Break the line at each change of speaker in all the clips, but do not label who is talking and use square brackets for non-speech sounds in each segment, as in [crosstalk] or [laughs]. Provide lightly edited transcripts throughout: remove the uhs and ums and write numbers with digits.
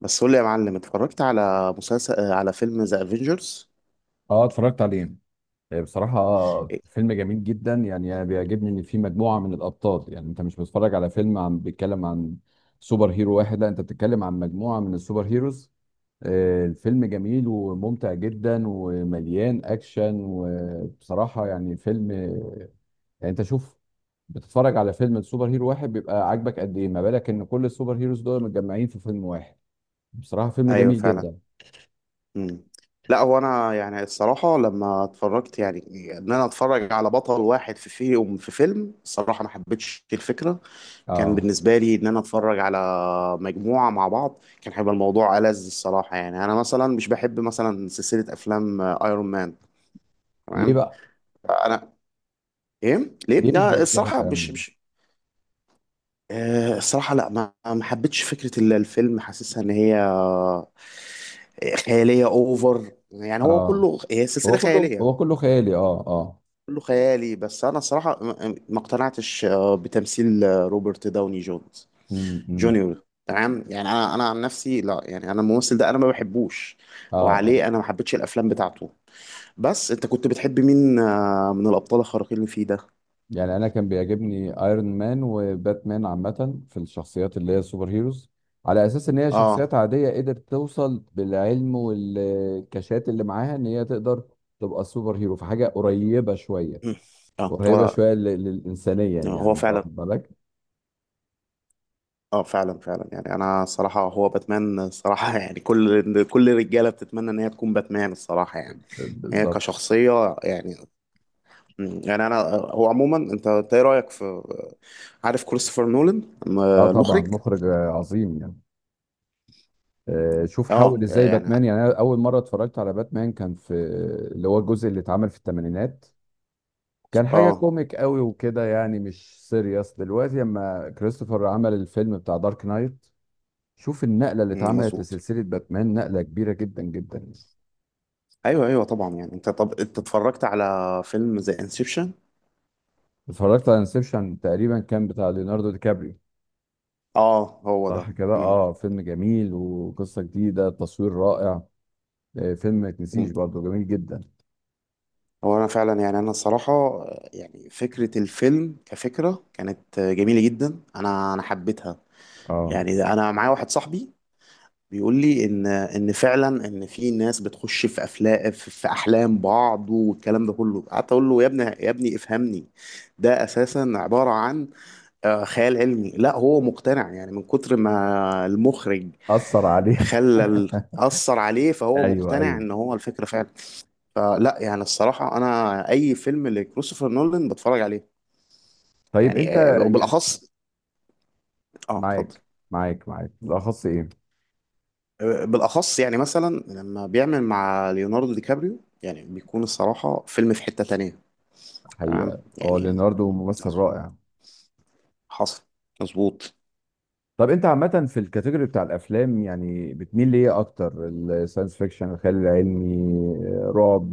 بس قول لي يا معلم، اتفرجت على مسلسل على فيلم ذا افنجرز؟
اه، اتفرجت عليه. بصراحة، فيلم جميل جدا. يعني انا بيعجبني ان في مجموعة من الابطال. يعني انت مش بتتفرج على فيلم عن بيتكلم عن سوبر هيرو واحد، لا انت بتتكلم عن مجموعة من السوبر هيروز. الفيلم جميل وممتع جدا ومليان اكشن، وبصراحة يعني فيلم يعني انت شوف. بتتفرج على فيلم السوبر هيرو واحد بيبقى عاجبك قد ايه، ما بالك ان كل السوبر هيروز دول متجمعين في فيلم واحد. بصراحة فيلم
ايوه
جميل
فعلا.
جدا.
مم. لا هو انا يعني الصراحه لما اتفرجت، يعني ان انا اتفرج على بطل واحد في فيهم، في فيلم الصراحه ما حبيتش الفكره. كان
اه.
بالنسبه لي ان انا اتفرج على مجموعة مع بعض، كان هيبقى الموضوع ألذ الصراحة. يعني أنا مثلا مش بحب مثلا سلسلة أفلام أيرون مان.
ليه
تمام.
بقى؟
أنا، إيه ليه؟
ليه مش
لا
بيعجبك
الصراحة
يا
مش
أرمين؟
مش الصراحة لا ما حبيتش فكرة الفيلم، حاسسها إن هي خيالية أوفر. يعني هو
اه.
كله هي سلسلة
هو كله
خيالية،
هو كله خيالي. اه اه.
كله خيالي. بس أنا الصراحة ما اقتنعتش بتمثيل روبرت داوني جونز
امم
جونيور. تمام يعني انا، عن نفسي لا، يعني انا الممثل ده انا ما بحبوش،
اه اه.
وعليه انا ما حبيتش الافلام بتاعته. بس انت كنت بتحب مين من الابطال الخارقين اللي فيه ده؟
يعني انا كان بيعجبني ايرون مان وباتمان، عامه في الشخصيات اللي هي سوبر هيروز، على اساس ان هي شخصيات
اه.
عاديه قدرت توصل بالعلم والكاشات اللي معاها ان هي تقدر تبقى سوبر هيرو في حاجه قريبه شويه.
مم. اه هو
قريبه شويه للانسانيه، يعني
هو
انت
فعلا.
واخد بالك.
اه فعلا فعلا، يعني انا صراحة هو باتمان صراحة [laughs] يعني كل الرجالة بتتمنى ان هي تكون باتمان الصراحة، يعني هي
بالظبط.
كشخصية يعني. مم، يعني انا هو عموما، انت ايه رأيك في عارف كريستوفر نولان
اه طبعا
المخرج؟
مخرج عظيم يعني. شوف حاول
اه
ازاي
يعني.
باتمان، يعني انا اول مره اتفرجت على باتمان كان في اللي هو الجزء اللي اتعمل في الثمانينات. كان حاجة
اه
كوميك قوي وكده، يعني مش سيريس. دلوقتي لما كريستوفر عمل الفيلم بتاع دارك نايت، شوف النقلة اللي
مم،
اتعملت
مظبوط.
لسلسلة باتمان، نقلة كبيرة جدا جدا يعني.
ايوه ايوه طبعا. يعني انت، طب انت اتفرجت على فيلم زي انسبشن؟
اتفرجت على انسبشن، تقريبا كان بتاع ليوناردو دي كابريو.
اه هو ده.
صح كده،
مم.
اه فيلم جميل وقصة جديدة، تصوير رائع. فيلم ما يتنسيش
مم.
برضه، جميل جدا.
هو انا فعلا يعني، انا الصراحه يعني فكره الفيلم كفكره كانت جميله جدا، انا حبيتها.
اه،
يعني انا معايا واحد صاحبي بيقول لي ان فعلا ان في ناس بتخش في افلام، في احلام بعض والكلام ده كله. قعدت اقول له يا ابني يا ابني افهمني، ده اساسا عباره عن خيال علمي. لا هو مقتنع يعني من كتر ما المخرج
أثر عليه. [laughs]
خلى ال- أثر عليه، فهو
ايوه
مقتنع
ايوه.
إن هو الفكرة فعلا. فلا يعني الصراحة، أنا أي فيلم لكريستوفر نولان بتفرج عليه.
طيب
يعني
انت يعني
وبالأخص، آه اتفضل.
معاك معاك بالاخص ايه؟
بالاخص يعني مثلا لما بيعمل مع ليوناردو دي كابريو، يعني بيكون الصراحه فيلم في حته تانية. تمام
حقيقة اه،
يعني،
ليوناردو ممثل رائع.
حصل، مظبوط.
طب انت عامة في الكاتيجوري بتاع الافلام يعني بتميل ليه اكتر؟ الساينس فيكشن، الخيال العلمي، رعب،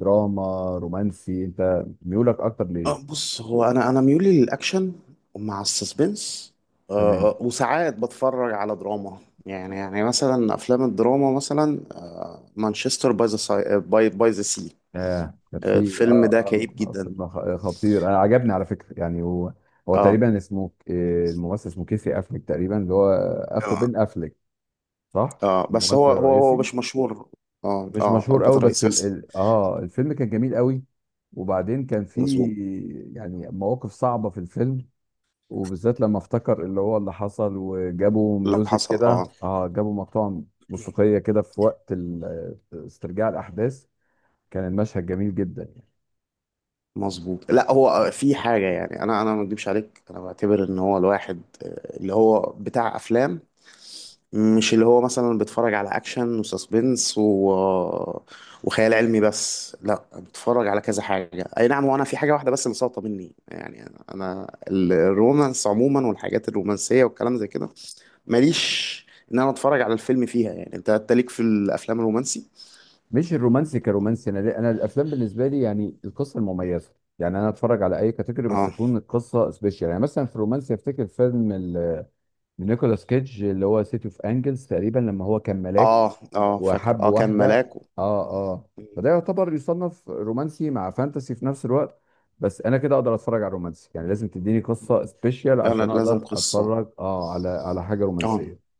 دراما، رومانسي، انت ميولك اكتر ليه؟
بص هو، انا ميولي للاكشن مع السسبنس،
تمام.
وساعات بتفرج على دراما. يعني مثلا افلام الدراما مثلا، مانشستر باي ذا سي.
اه كان في
الفيلم ده كئيب جدا.
فيلم خطير، انا عجبني على فكرة يعني. هو هو
اه
تقريبا اسمه الممثل اسمه كيسي افليك تقريبا، اللي هو اخو بن افليك. صح.
اه. بس هو
الممثل الرئيسي
مش مشهور. اه
مش
اه
مشهور
البطل
قوي، بس
الرئيسي
ال...
بس.
ال... اه الفيلم كان جميل قوي. وبعدين كان في
مظبوط.
يعني مواقف صعبة في الفيلم، وبالذات لما افتكر اللي هو اللي حصل وجابوا
اللي
ميوزك
حصل
كده،
اه.
اه جابوا مقطوعة موسيقية كده في وقت استرجاع الأحداث. كان المشهد جميل جدا يعني.
مظبوط. لا هو في حاجه يعني، انا ما اكدبش عليك، انا بعتبر ان هو الواحد اللي هو بتاع افلام مش اللي هو مثلا بتفرج على اكشن وساسبنس و... وخيال علمي بس. لا بتفرج على كذا حاجه اي نعم. وانا في حاجه واحده بس اللي ساقطه مني، يعني انا الرومانس عموما والحاجات الرومانسيه والكلام زي كده ماليش ان انا اتفرج على الفيلم فيها. يعني انت، ليك في الافلام الرومانسي؟
مش الرومانسي كرومانسي، أنا الأفلام بالنسبة لي يعني القصة المميزة. يعني أنا أتفرج على أي كاتيجوري بس
اه
تكون القصة سبيشال. يعني مثلا في الرومانسي أفتكر فيلم نيكولاس كيدج اللي هو سيتي أوف أنجلز، تقريبا لما هو كان ملاك
اه اه فاكره،
وحب
اه كان
واحدة.
ملاك و...
اه اه. فده يعتبر يصنف رومانسي مع فانتسي في نفس الوقت. بس انا كده اقدر اتفرج على رومانسي، يعني لازم تديني قصة سبيشيال
انا
عشان
لازم
اقدر
قصه.
اتفرج على حاجة
اه
رومانسية.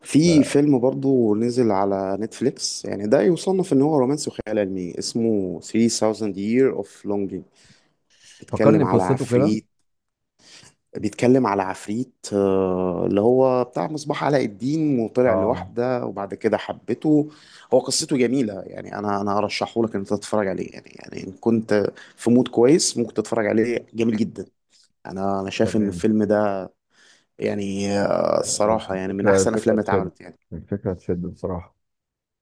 في فيلم برضو نزل على نتفليكس يعني ده يصنف ان هو رومانسي وخيال علمي، اسمه 3000 Year of Longing.
ففكرني
بيتكلم على
بقصته كده.
عفريت، اللي هو بتاع مصباح علاء الدين وطلع
اه
لوحده وبعد كده حبته. هو قصته جميلة، يعني انا ارشحه لك ان انت تتفرج عليه. يعني ان كنت في مود كويس ممكن تتفرج عليه، جميل جدا. انا شايف ان
تمام.
الفيلم ده يعني الصراحة يعني من
الفكرة
احسن
الفكرة
افلام
تشد.
اتعملت يعني.
الفكرة تشد بصراحة.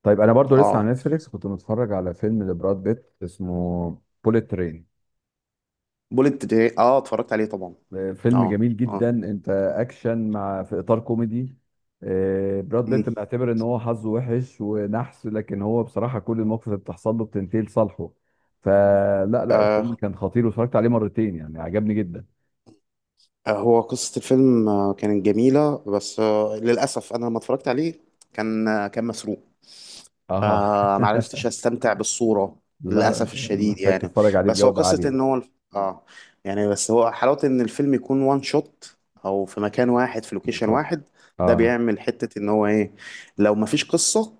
طيب انا برضو لسه
اه.
على نتفليكس كنت متفرج على فيلم لبراد بيت اسمه بوليت ترين.
بوليت ترين، اه اتفرجت عليه طبعا.
فيلم
اه
جميل جدا،
اه.
انت اكشن مع في اطار كوميدي. براد
مم.
بيت معتبر ان هو حظه وحش ونحس، لكن هو بصراحه كل المواقف اللي بتحصل له بتنتهي لصالحه. فلا لا، الفيلم
آه.
كان خطير، واتفرجت عليه مرتين يعني عجبني جدا.
هو قصة الفيلم كانت جميلة، بس آه للأسف أنا لما اتفرجت عليه كان، كان مسروق،
اه.
فمعرفتش
[laughs]
استمتع بالصورة.
لا لا،
للأسف
انت
الشديد
محتاج
يعني.
تتفرج عليه
بس هو
بجوده
قصة
عاليه.
ان هو اه يعني، بس هو حلاوة ان الفيلم يكون وان شوت، او في مكان واحد، في لوكيشن
بالظبط
واحد. ده
اه.
بيعمل حتة ان هو ايه، لو مفيش قصة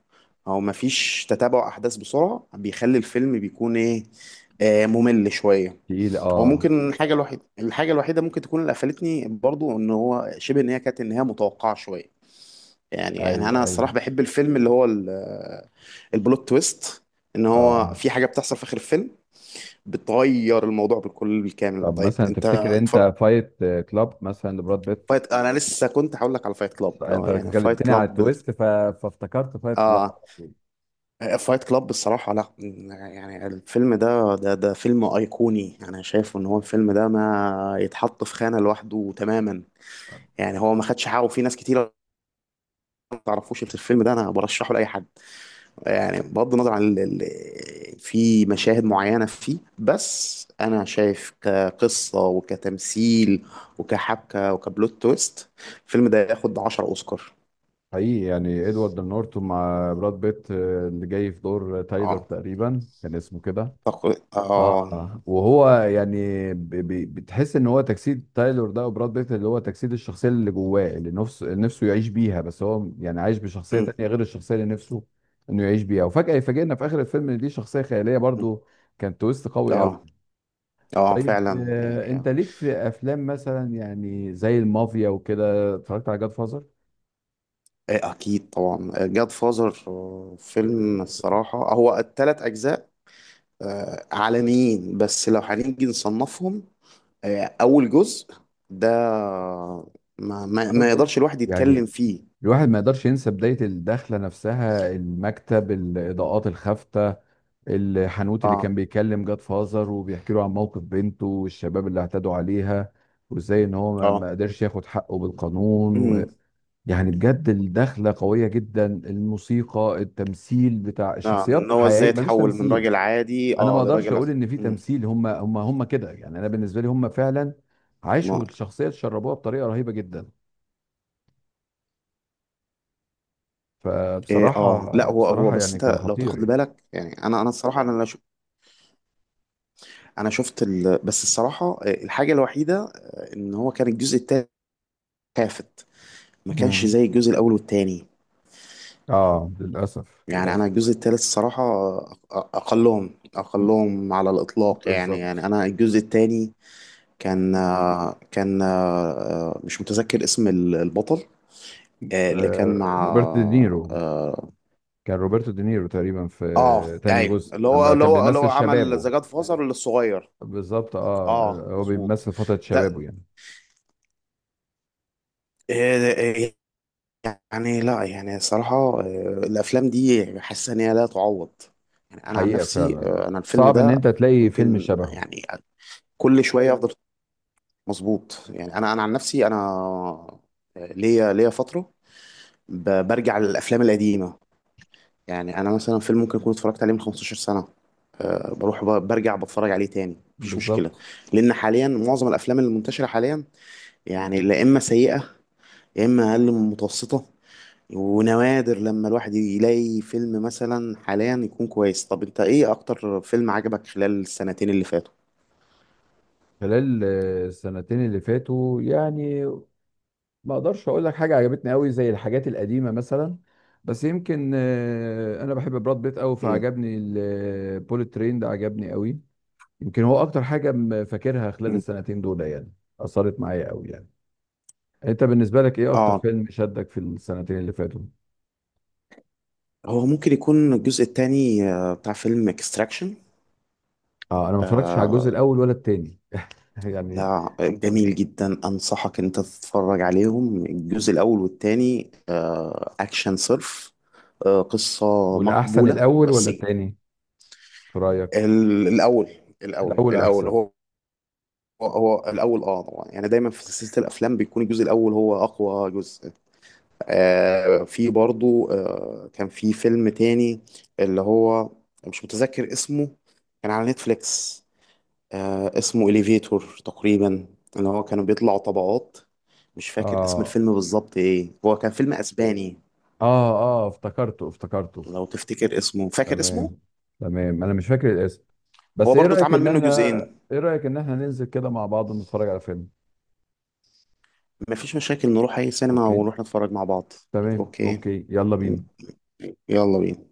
او مفيش تتابع احداث بسرعة بيخلي الفيلم بيكون ايه، ممل شوية.
تقيل
هو
اه.
ممكن الحاجة الوحيدة، ممكن تكون اللي قفلتني برضو، ان هو شبه ان هي كانت النهاية متوقعة شوية. يعني
ايوه
انا
ايوه
الصراحه بحب الفيلم اللي هو البلوت تويست، ان هو
اه.
في حاجه بتحصل في اخر الفيلم بتغير الموضوع بالكل بالكامل.
طب
طيب
مثلا
انت
تفتكر
اتفرج؟
انت فايت كلاب مثلا لبراد بيت؟
فايت، انا لسه كنت هقول لك على فايت كلاب
انت
اه. يعني فايت
اتكلمتني على
كلاب ده،
التويست، فافتكرت فايت كلاب.
اه، فايت كلاب بصراحه. لا يعني الفيلم ده فيلم ايقوني. انا شايفه ان هو الفيلم ده ما يتحط في خانه لوحده تماما. يعني هو ما خدش حقه، في ناس كتير ما تعرفوش الفيلم ده. انا برشحه لاي حد. يعني بغض النظر عن في مشاهد معينة فيه، بس أنا شايف كقصة وكتمثيل وكحبكة وكبلوت تويست، الفيلم ده ياخد 10 أوسكار.
حقيقي يعني ادوارد نورتون مع براد بيت، اللي جاي في دور تايلر
اه
تقريبا كان اسمه كده.
أعتقد،
اه،
اه
وهو يعني بتحس ان هو تجسيد تايلور ده، وبراد بيت اللي هو تجسيد الشخصيه اللي جواه، اللي نفسه نفسه يعيش بيها، بس هو يعني عايش بشخصيه
م-
تانية غير الشخصيه اللي نفسه انه يعيش بيها، وفجاه يفاجئنا في اخر الفيلم ان دي شخصيه خياليه
م-
برضو. كان تويست قوي
اه
قوي.
اه
طيب
فعلا يعني
انت
آه.
ليك في افلام مثلا يعني زي المافيا وكده؟ اتفرجت على جاد فازر.
إيه، أكيد طبعا جاد فازر فيلم الصراحة. هو التلات أجزاء عالميين، بس لو هنيجي نصنفهم اول جزء ده ما
اول جزء
يقدرش الواحد يتكلم
يعني
فيه.
الواحد ما يقدرش ينسى بداية الدخلة نفسها، المكتب، الإضاءات الخافتة، الحنوتي اللي
اه
كان بيكلم جاد فازر وبيحكي له عن موقف بنته والشباب اللي اعتدوا عليها، وازاي ان هو ما
اه.
قدرش ياخد حقه بالقانون و...
امم.
يعني بجد الدخلة قوية جدا، الموسيقى، التمثيل بتاع
اه ان
الشخصيات،
هو ازاي
حقيقي ما فيش
اتحول من
تمثيل.
راجل عادي،
انا ما
اه
اقدرش
لراجل
اقول ان في
امم،
تمثيل، هم كده يعني، انا بالنسبة لي هم فعلا
ما
عاشوا الشخصية، تشربوها بطريقة رهيبة جدا.
إيه اه. لا
فبصراحة
هو،
بصراحة
بس
يعني كان
انت لو
خطير
تاخد
يعني.
بالك، يعني انا الصراحه، انا لا شو، انا شفت بس الصراحه الحاجه الوحيده ان هو كان الجزء التالت خافت، ما كانش
مم.
زي الجزء الاول والتاني.
اه للاسف
يعني انا
للاسف.
الجزء التالت الصراحه اقلهم على الاطلاق. يعني
بالظبط.
انا الجزء التاني كان مش متذكر اسم البطل اللي كان مع،
روبرت دينيرو،
اه
كان روبرتو دينيرو تقريبا في تاني
ايوه
جزء
اللي هو
اما كان بيمثل
عمل
شبابه.
ذا جاد فازر الصغير.
بالظبط اه،
اه
هو
مظبوط.
بيمثل فترة شبابه
ده
يعني.
آه، يعني لا يعني صراحة آه، الافلام دي حاسس ان هي لا تعوض. يعني انا عن
حقيقة
نفسي
فعلا
انا الفيلم
صعب ان
ده
انت تلاقي فيلم
ممكن
شبهه.
يعني كل شوية افضل. مظبوط. يعني انا عن نفسي، انا ليا فترة برجع للافلام القديمة. يعني انا مثلا فيلم ممكن اكون اتفرجت عليه من 15 سنه، أه بروح برجع بتفرج عليه تاني مفيش مشكله.
بالظبط.
لان حاليا معظم الافلام اللي منتشره حاليا يعني لا اما سيئه، يا اما اقل من متوسطه. ونوادر لما الواحد يلاقي فيلم مثلا حاليا يكون كويس. طب انت ايه اكتر فيلم عجبك خلال السنتين اللي فاتوا؟
خلال السنتين اللي فاتوا يعني ما اقدرش اقول لك حاجة عجبتني قوي زي الحاجات القديمة مثلا. بس يمكن انا بحب براد بيت قوي،
مم.
فعجبني البوليت ترين ده، عجبني قوي. يمكن هو اكتر حاجه فاكرها خلال
مم.
السنتين دول يعني، اثرت معايا قوي يعني. انت بالنسبه لك ايه اكتر
اه
فيلم شدك في السنتين اللي فاتوا؟
هو ممكن يكون الجزء الثاني بتاع فيلم اكستراكشن.
اه، انا ما اتفرجتش على الجزء الاول ولا التاني [laughs] يعني.
لا جميل جدا، انصحك ان انت تتفرج عليهم الجزء الاول والتاني، اكشن صرف، قصة
والاحسن
مقبولة
الاول ولا
بس.
التاني في رايك؟
الاول،
الاول
الاول
احسن.
هو، هو الاول اه طبعا. يعني دايما في سلسلة الافلام بيكون الجزء الاول هو اقوى جزء. في برضو كان في فيلم تاني اللي هو مش متذكر اسمه، كان على نتفليكس، آه اسمه إليفيتور تقريبا، اللي هو كانوا بيطلعوا طبقات. مش فاكر اسم
اه
الفيلم بالظبط ايه، هو كان فيلم اسباني.
اه اه، افتكرته افتكرته.
لو تفتكر اسمه، فاكر اسمه؟
تمام. تمام انا مش فاكر الاسم.
هو
بس ايه
برضو
رايك
اتعمل
ان
منه
احنا
جزئين.
ايه رايك ان احنا ننزل كده مع بعض ونتفرج على فيلم؟
مفيش مشاكل، نروح اي سينما
اوكي.
ونروح نتفرج مع بعض.
تمام.
اوكي،
اوكي، يلا بينا.
يلا بينا.